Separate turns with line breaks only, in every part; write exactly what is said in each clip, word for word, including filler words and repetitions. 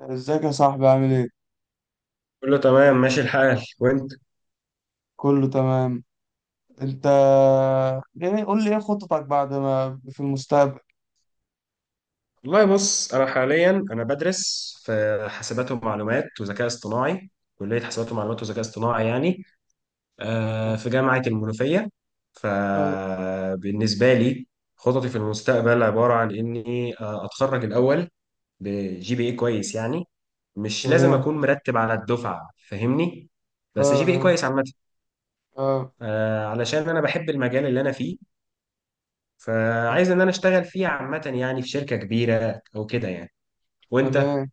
ازيك يا صاحبي؟ عامل ايه؟
كله تمام ماشي الحال، وانت؟
كله تمام. انت؟ يعني قول لي ايه خططك بعد ما في المستقبل.
والله بص، انا حاليا انا بدرس في حاسبات ومعلومات وذكاء اصطناعي. كلية حاسبات ومعلومات وذكاء اصطناعي يعني، آه، في جامعة المنوفية.
آه،
فبالنسبة لي، خططي في المستقبل عبارة عن اني آه، اتخرج الاول، بجي بي اي كويس يعني. مش لازم
تمام.
اكون مرتب على الدفعة فاهمني،
آه،
بس جي بي اي
آه،
كويس عامة.
آه،
آه، علشان انا بحب المجال اللي انا فيه، فعايز ان انا اشتغل فيه عامة يعني، في شركة كبيرة او كده يعني. وانت؟
تمام.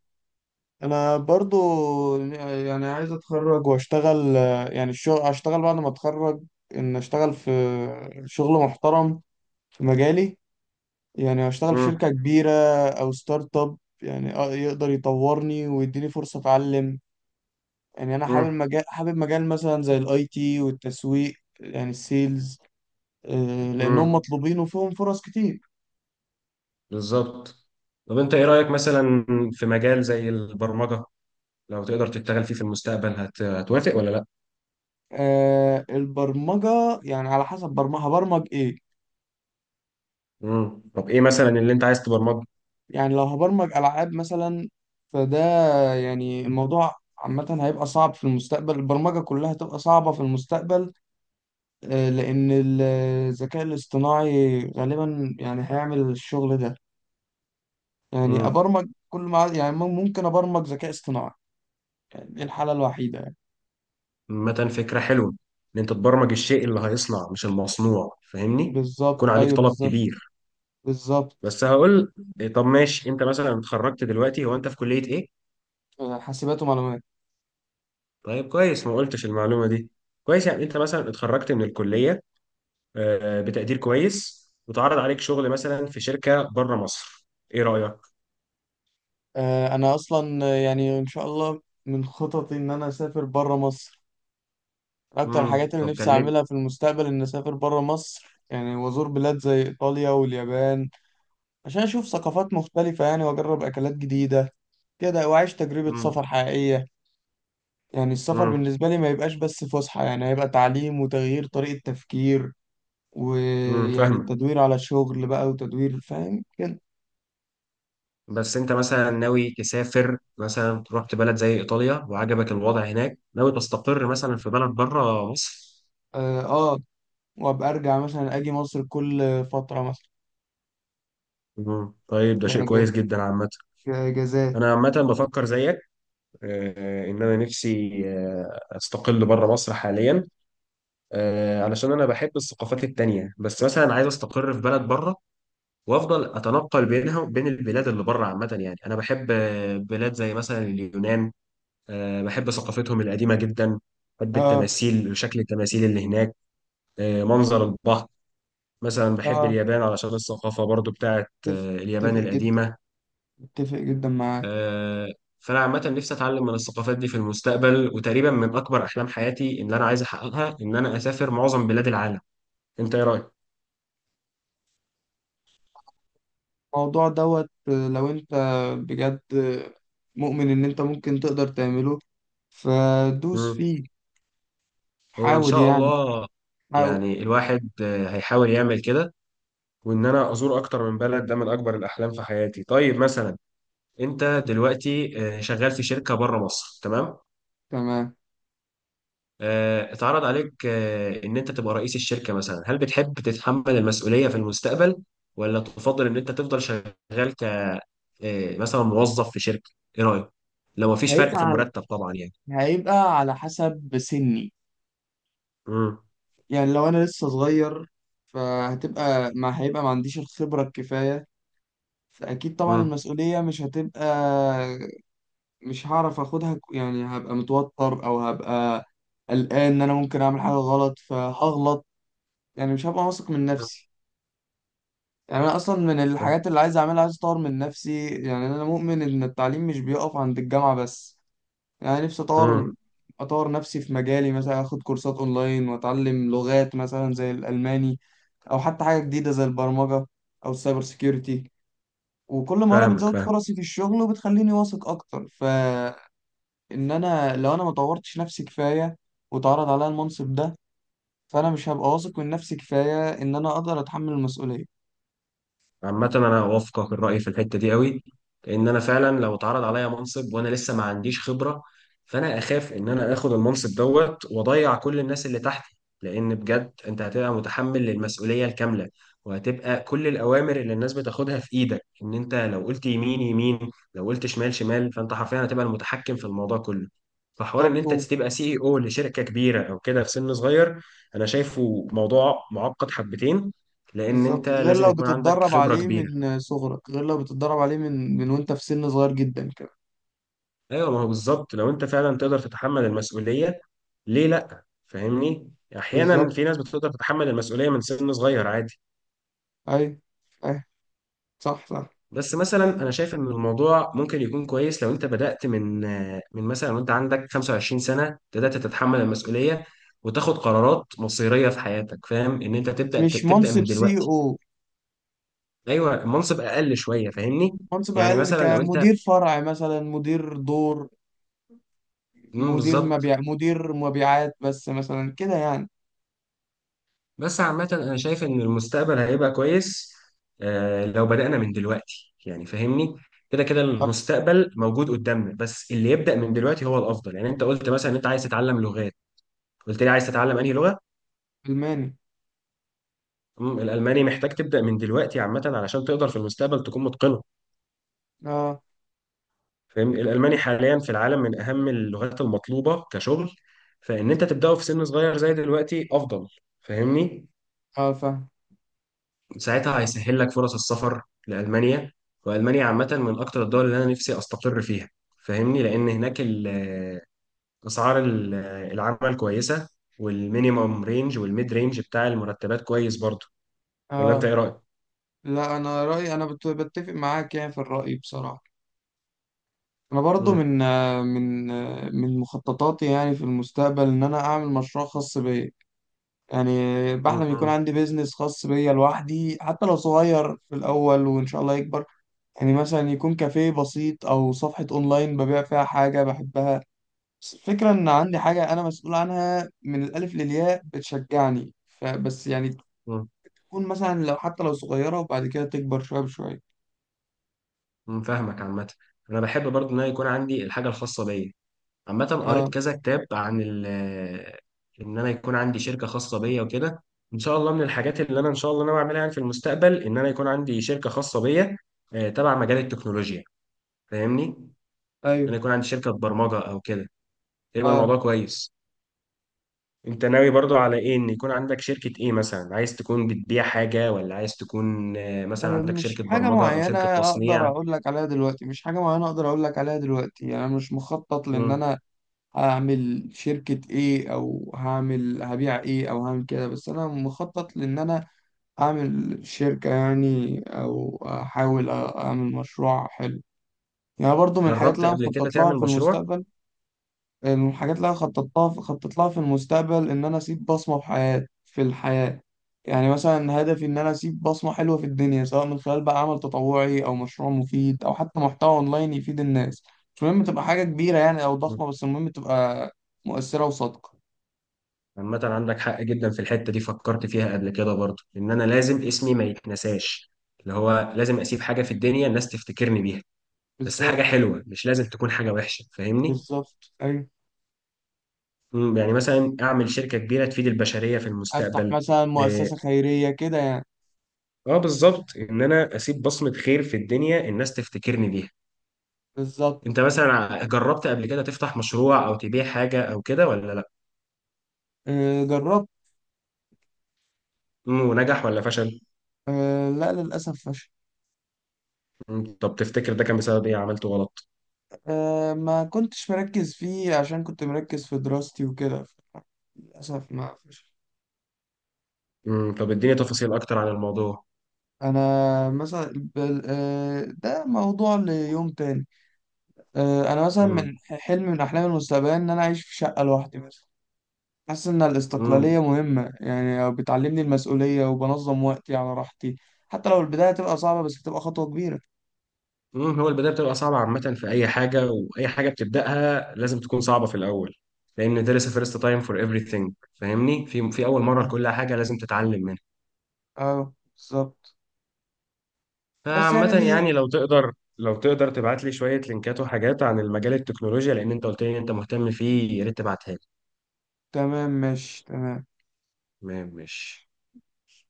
انا برضو يعني عايز اتخرج واشتغل، آه، يعني الشغل اشتغل بعد ما اتخرج. ان اشتغل في شغل محترم في مجالي، يعني اشتغل في
مم.
شركة كبيرة او ستارت اب، يعني آه، يقدر يطورني ويديني فرصة اتعلم. يعني انا حابب
مم.
مجال حابب مجال مثلا زي الاي تي والتسويق، يعني السيلز، آه، لانهم
مم.
مطلوبين وفيهم فرص كتير.
بالظبط. طب انت ايه رأيك مثلا في مجال زي البرمجة؟ لو تقدر تشتغل فيه في المستقبل، هت... هتوافق ولا لا؟
آه، البرمجة يعني على حسب برمجة هبرمج ايه.
مم. طب ايه مثلا اللي انت عايز تبرمجه؟
يعني لو هبرمج العاب مثلا، فده يعني الموضوع عامة هيبقى صعب في المستقبل، البرمجة كلها هتبقى صعبة في المستقبل. آه، لأن ال- الذكاء الاصطناعي غالبا يعني هيعمل الشغل ده. يعني
مم.
أبرمج، كل ما يعني ممكن أبرمج ذكاء اصطناعي، يعني دي الحالة الوحيدة.
مثلا فكرة حلوة، ان انت تبرمج الشيء اللي هيصنع، مش المصنوع، فاهمني. يكون
بالظبط،
عليك
ايوه
طلب
بالظبط.
كبير.
بالظبط.
بس هقول إيه، طب ماشي، انت مثلا اتخرجت دلوقتي، هو انت في كلية ايه؟
آه، حاسبات ومعلومات.
طيب كويس، ما قلتش المعلومة دي. كويس، يعني انت مثلا اتخرجت من الكلية آه، بتقدير كويس، وتعرض عليك شغل مثلا في شركة بره مصر، ايه رأيك؟
آه، انا اصلا آه، يعني ان شاء الله من خططي ان انا اسافر بره مصر. اكتر
امم
الحاجات اللي
طب
نفسي
كلمني.
اعملها في المستقبل ان اسافر بره مصر، يعني وازور بلاد زي ايطاليا واليابان، عشان اشوف ثقافات مختلفة يعني، واجرب اكلات جديدة كده، واعيش تجربة
امم
سفر حقيقية. يعني السفر
امم
بالنسبة لي ما يبقاش بس فسحة، يعني هيبقى تعليم وتغيير طريقة تفكير.
امم
ويعني
فاهمك.
التدوير على الشغل بقى وتدوير، فاهم كده.
بس انت مثلا ناوي تسافر، مثلا رحت بلد زي ايطاليا وعجبك الوضع هناك، ناوي تستقر مثلا في بلد بره مصر؟
اه آه. وابقى ارجع مثلا اجي مصر كل فتره مثلا.
مم. طيب ده شيء
كأج-
كويس جدا عامة.
كاجازات.
أنا عامة بفكر زيك، آه، إن أنا نفسي آه، أستقل بره مصر حاليا، آه، علشان أنا بحب الثقافات التانية. بس مثلا عايز أستقر في بلد بره، وافضل اتنقل بينها وبين البلاد اللي بره عامه. يعني انا بحب آه، بلاد زي مثلا اليونان. آه، بحب ثقافتهم القديمه جدا. بحب
اه
التماثيل، شكل التماثيل اللي هناك. آه، منظر البحر. مثلا بحب
اه.
اليابان علشان الثقافه برضو بتاعت
اتفق،
آه، اليابان
اتفق جدا،
القديمه.
اتفق جدا معاك.
آه، فانا عامه نفسي اتعلم من الثقافات دي في المستقبل. وتقريبا من اكبر احلام حياتي ان انا عايز احققها، ان انا اسافر معظم بلاد العالم. انت ايه رايك؟
الموضوع دوت آه، لو انت بجد آه، مؤمن ان انت ممكن تقدر تعمله فدوس
مم.
فيه.
هو ان
حاول
شاء
يعني،
الله،
حاول.
يعني الواحد آه، هيحاول يعمل كده. وان انا ازور اكتر من بلد، ده من اكبر الاحلام في حياتي. طيب مثلا، انت دلوقتي آه، شغال في شركه بره مصر، تمام.
تمام.
آه، اتعرض عليك آه، ان انت تبقى رئيس الشركه مثلا، هل بتحب تتحمل المسؤوليه في المستقبل، ولا تفضل ان انت تفضل شغال ك آه، مثلا موظف في شركه؟ ايه رايك؟ لو مفيش فرق
هيبقى
في
على
المرتب طبعا يعني.
هيبقى على حسب سني.
امم
يعني لو انا لسه صغير، فهتبقى، ما هيبقى ما عنديش الخبرة الكفاية، فأكيد طبعا
امم
المسؤولية مش هتبقى، مش هعرف اخدها ك- يعني هبقى متوتر او هبقى قلقان ان انا ممكن اعمل حاجه غلط فهغلط، يعني مش هبقى واثق من نفسي. يعني انا اصلا من الحاجات اللي عايز اعملها عايز اطور من نفسي، يعني انا مؤمن ان التعليم مش بيقف عند الجامعه بس. يعني نفسي
امم
اطور اطور نفسي في مجالي، مثلا اخد كورسات اونلاين واتعلم لغات مثلا زي الالماني، او حتى حاجه جديده زي البرمجه او السايبر سيكيورتي. وكل مهاره
فاهمك
بتزود
فاهمك.
فرصي في الشغل وبتخليني واثق اكتر. ف ان انا، لو انا ما طورتش نفسي كفايه واتعرض عليا المنصب ده، فانا مش هبقى واثق من نفسي كفايه ان انا اقدر اتحمل المسؤوليه.
عامة أنا أوافقك الرأي في الحتة دي قوي، لأن أنا فعلا لو اتعرض عليا منصب وأنا لسه ما عنديش خبرة، فأنا أخاف إن أنا آخد المنصب دوت وأضيع كل الناس اللي تحتي. لأن بجد أنت هتبقى متحمل للمسؤولية الكاملة، وهتبقى كل الأوامر اللي الناس بتاخدها في إيدك. إن أنت لو قلت يمين يمين، لو قلت شمال شمال، فأنت حرفيا هتبقى المتحكم في الموضوع كله. فحوار إن
بالظبط
أنت
و-
تبقى سي إي أو لشركة كبيرة أو كده في سن صغير، أنا شايفه موضوع معقد حبتين، لان انت
بالظبط، غير
لازم
لو
يكون عندك
بتتدرب
خبرة
عليه
كبيرة.
من صغرك، غير لو بتتدرب عليه من من وانت في سن صغير جدا كمان.
ايوه، ما هو بالظبط، لو انت فعلا تقدر تتحمل المسؤولية، ليه لا فاهمني؟ احيانا
بالظبط.
في ناس بتقدر تتحمل المسؤولية من سن صغير عادي.
اي اي، صح صح.
بس مثلا انا شايف ان الموضوع ممكن يكون كويس لو انت بدأت من، من مثلا وانت عندك 25 سنة بدأت تتحمل المسؤولية وتاخد قرارات مصيرية في حياتك. فاهم ان انت تبدأ
مش
تبدأ
منصب
من
سي
دلوقتي.
او،
ايوه، المنصب اقل شوية فاهمني.
منصب
يعني
اقل
مثلا لو انت،
كمدير فرع مثلا، مدير دور،
مم،
مدير
بالظبط.
مبيع، مدير مبيعات بس مثلا كده يعني.
بس عامة أنا شايف إن المستقبل هيبقى كويس، آه، لو بدأنا من دلوقتي يعني فاهمني. كده كده
آه،
المستقبل موجود قدامنا، بس اللي يبدأ من دلوقتي هو الأفضل. يعني أنت قلت مثلا إن أنت عايز تتعلم لغات، قلت لي عايز تتعلم أنهي لغة؟
الماني.
مم، الألماني محتاج تبدأ من دلوقتي عامة علشان تقدر في المستقبل تكون متقنه،
اه
فاهمني. الألماني حاليا في العالم من أهم اللغات المطلوبة كشغل. فإن أنت تبدأه في سن صغير زي دلوقتي أفضل، فاهمني.
اه فاهم.
ساعتها هيسهل لك فرص السفر لألمانيا. وألمانيا عامة من أكتر الدول اللي أنا نفسي أستقر فيها، فاهمني. لأن هناك ال- آه، أسعار ال- آه، العمل كويسة، والمينيمم رينج والميد رينج بتاع المرتبات كويس برضه. ولا أنت
اه
إيه رأيك؟
لا، انا رايي انا بت- بتفق معاك يعني في الراي بصراحه. انا برضو
مم.
من آه، من آه، من مخططاتي يعني في المستقبل ان انا اعمل مشروع خاص بيا. يعني بحلم يكون
مم.
عندي بيزنس خاص بيا لوحدي، حتى لو صغير في الاول وان شاء الله يكبر. يعني مثلا يكون كافيه بسيط او صفحه اونلاين ببيع فيها حاجه بحبها. بس الفكره ان عندي حاجه انا مسؤول عنها من الالف للياء بتشجعني. فبس يعني
مم.
تكون مثلا، لو حتى لو صغيره، وبعد كده تكبر شويه بشويه.
مم. فاهمك عامة. أنا بحب برضه إن أنا يكون عندي الحاجة الخاصة بيا. عامة قريت
اه.
كذا كتاب عن ال، إن أنا يكون عندي شركة خاصة بيا وكده. إن شاء الله من الحاجات اللي أنا إن شاء الله ناوي أعملها يعني في المستقبل، إن أنا يكون عندي شركة خاصة بيا آه، تبع مجال التكنولوجيا. فاهمني؟ إن أنا
ايوه.
يكون عندي شركة برمجة أو كده، يبقى
اه.
الموضوع كويس. أنت ناوي برضو على إيه؟ إن يكون عندك شركة إيه مثلا؟ عايز تكون بتبيع حاجة، ولا عايز تكون آه، مثلا
أه،
عندك
مش
شركة
حاجة
برمجة أو
معينة
شركة
أقدر
تصنيع؟
أقول لك عليها دلوقتي، مش حاجة معينة أقدر أقول لك عليها دلوقتي. يعني أنا مش مخطط لأن
مم.
أنا هعمل شركة إيه، أو هعمل هبيع إيه، أو هعمل كده، بس أنا مخطط لأن أنا أعمل شركة يعني، أو أحاول أ- أعمل مشروع حلو. يعني برضو من الحاجات
جربت
اللي أنا
قبل كده
مخطط لها
تعمل
في
مشروع؟
المستقبل. الحاجات اللي انا خططتها خططت لها في المستقبل ان انا اسيب بصمه في حياتي في الحياه. يعني مثلا هدفي ان انا اسيب بصمه حلوه في الدنيا، سواء من خلال بقى عمل تطوعي او مشروع مفيد او حتى محتوى اونلاين يفيد الناس. مش مهم تبقى حاجه كبيره يعني او ضخمه، بس المهم تبقى مؤثره وصادقه.
عامة عندك حق جدا في الحتة دي، فكرت فيها قبل كده برضه، إن أنا لازم اسمي ما يتنساش، اللي هو لازم أسيب حاجة في الدنيا الناس تفتكرني بيها، بس حاجة
بالظبط.
حلوة، مش لازم تكون حاجة وحشة، فاهمني؟
بالظبط ايوه.
مم، يعني مثلا أعمل شركة كبيرة تفيد البشرية في
افتح
المستقبل.
مثلا
آه.
مؤسسه خيريه كده يعني.
آه، بالظبط، إن أنا أسيب بصمة خير في الدنيا الناس تفتكرني بيها.
بالظبط.
أنت مثلا ع- جربت قبل كده تفتح مشروع أو تبيع حاجة أو كده ولا لأ؟
أه جربت.
مم، ونجح ولا فشل؟
أه لا، للاسف فشل.
مم، طب تفتكر ده كان بسبب إيه؟ عملته غلط؟
أه ما كنتش مركز فيه عشان كنت مركز في دراستي وكده، للأسف ما فيش.
مم، طب إديني تفاصيل أكتر عن الموضوع.
أنا مثلا بل- آه، ده موضوع ليوم تاني. آه، أنا مثلا من حلم، من أحلام المستقبل، إن أنا أعيش في شقة لوحدي مثلا. حاسس إن
امم
الاستقلالية مهمة، يعني بتعلمني المسؤولية وبنظم وقتي على راحتي. حتى لو البداية هتبقى صعبة، بس هتبقى خطوة كبيرة.
امم هو البدايه بتبقى صعبه عامه، في اي حاجه، واي حاجه بتبداها لازم تكون صعبه في الاول. لان there is a first time for everything. فاهمني، في في اول مره
أه
لكل حاجه لازم تتعلم منها.
آه، بالظبط. بس يعني
فعامه
دي،
يعني، لو تقدر لو تقدر تبعت لي شويه لينكات وحاجات عن المجال التكنولوجيا، لان انت قلت لي ان انت مهتم فيه، يا ريت تبعتها لي.
تمام ماشي تمام.
تمام ماشي.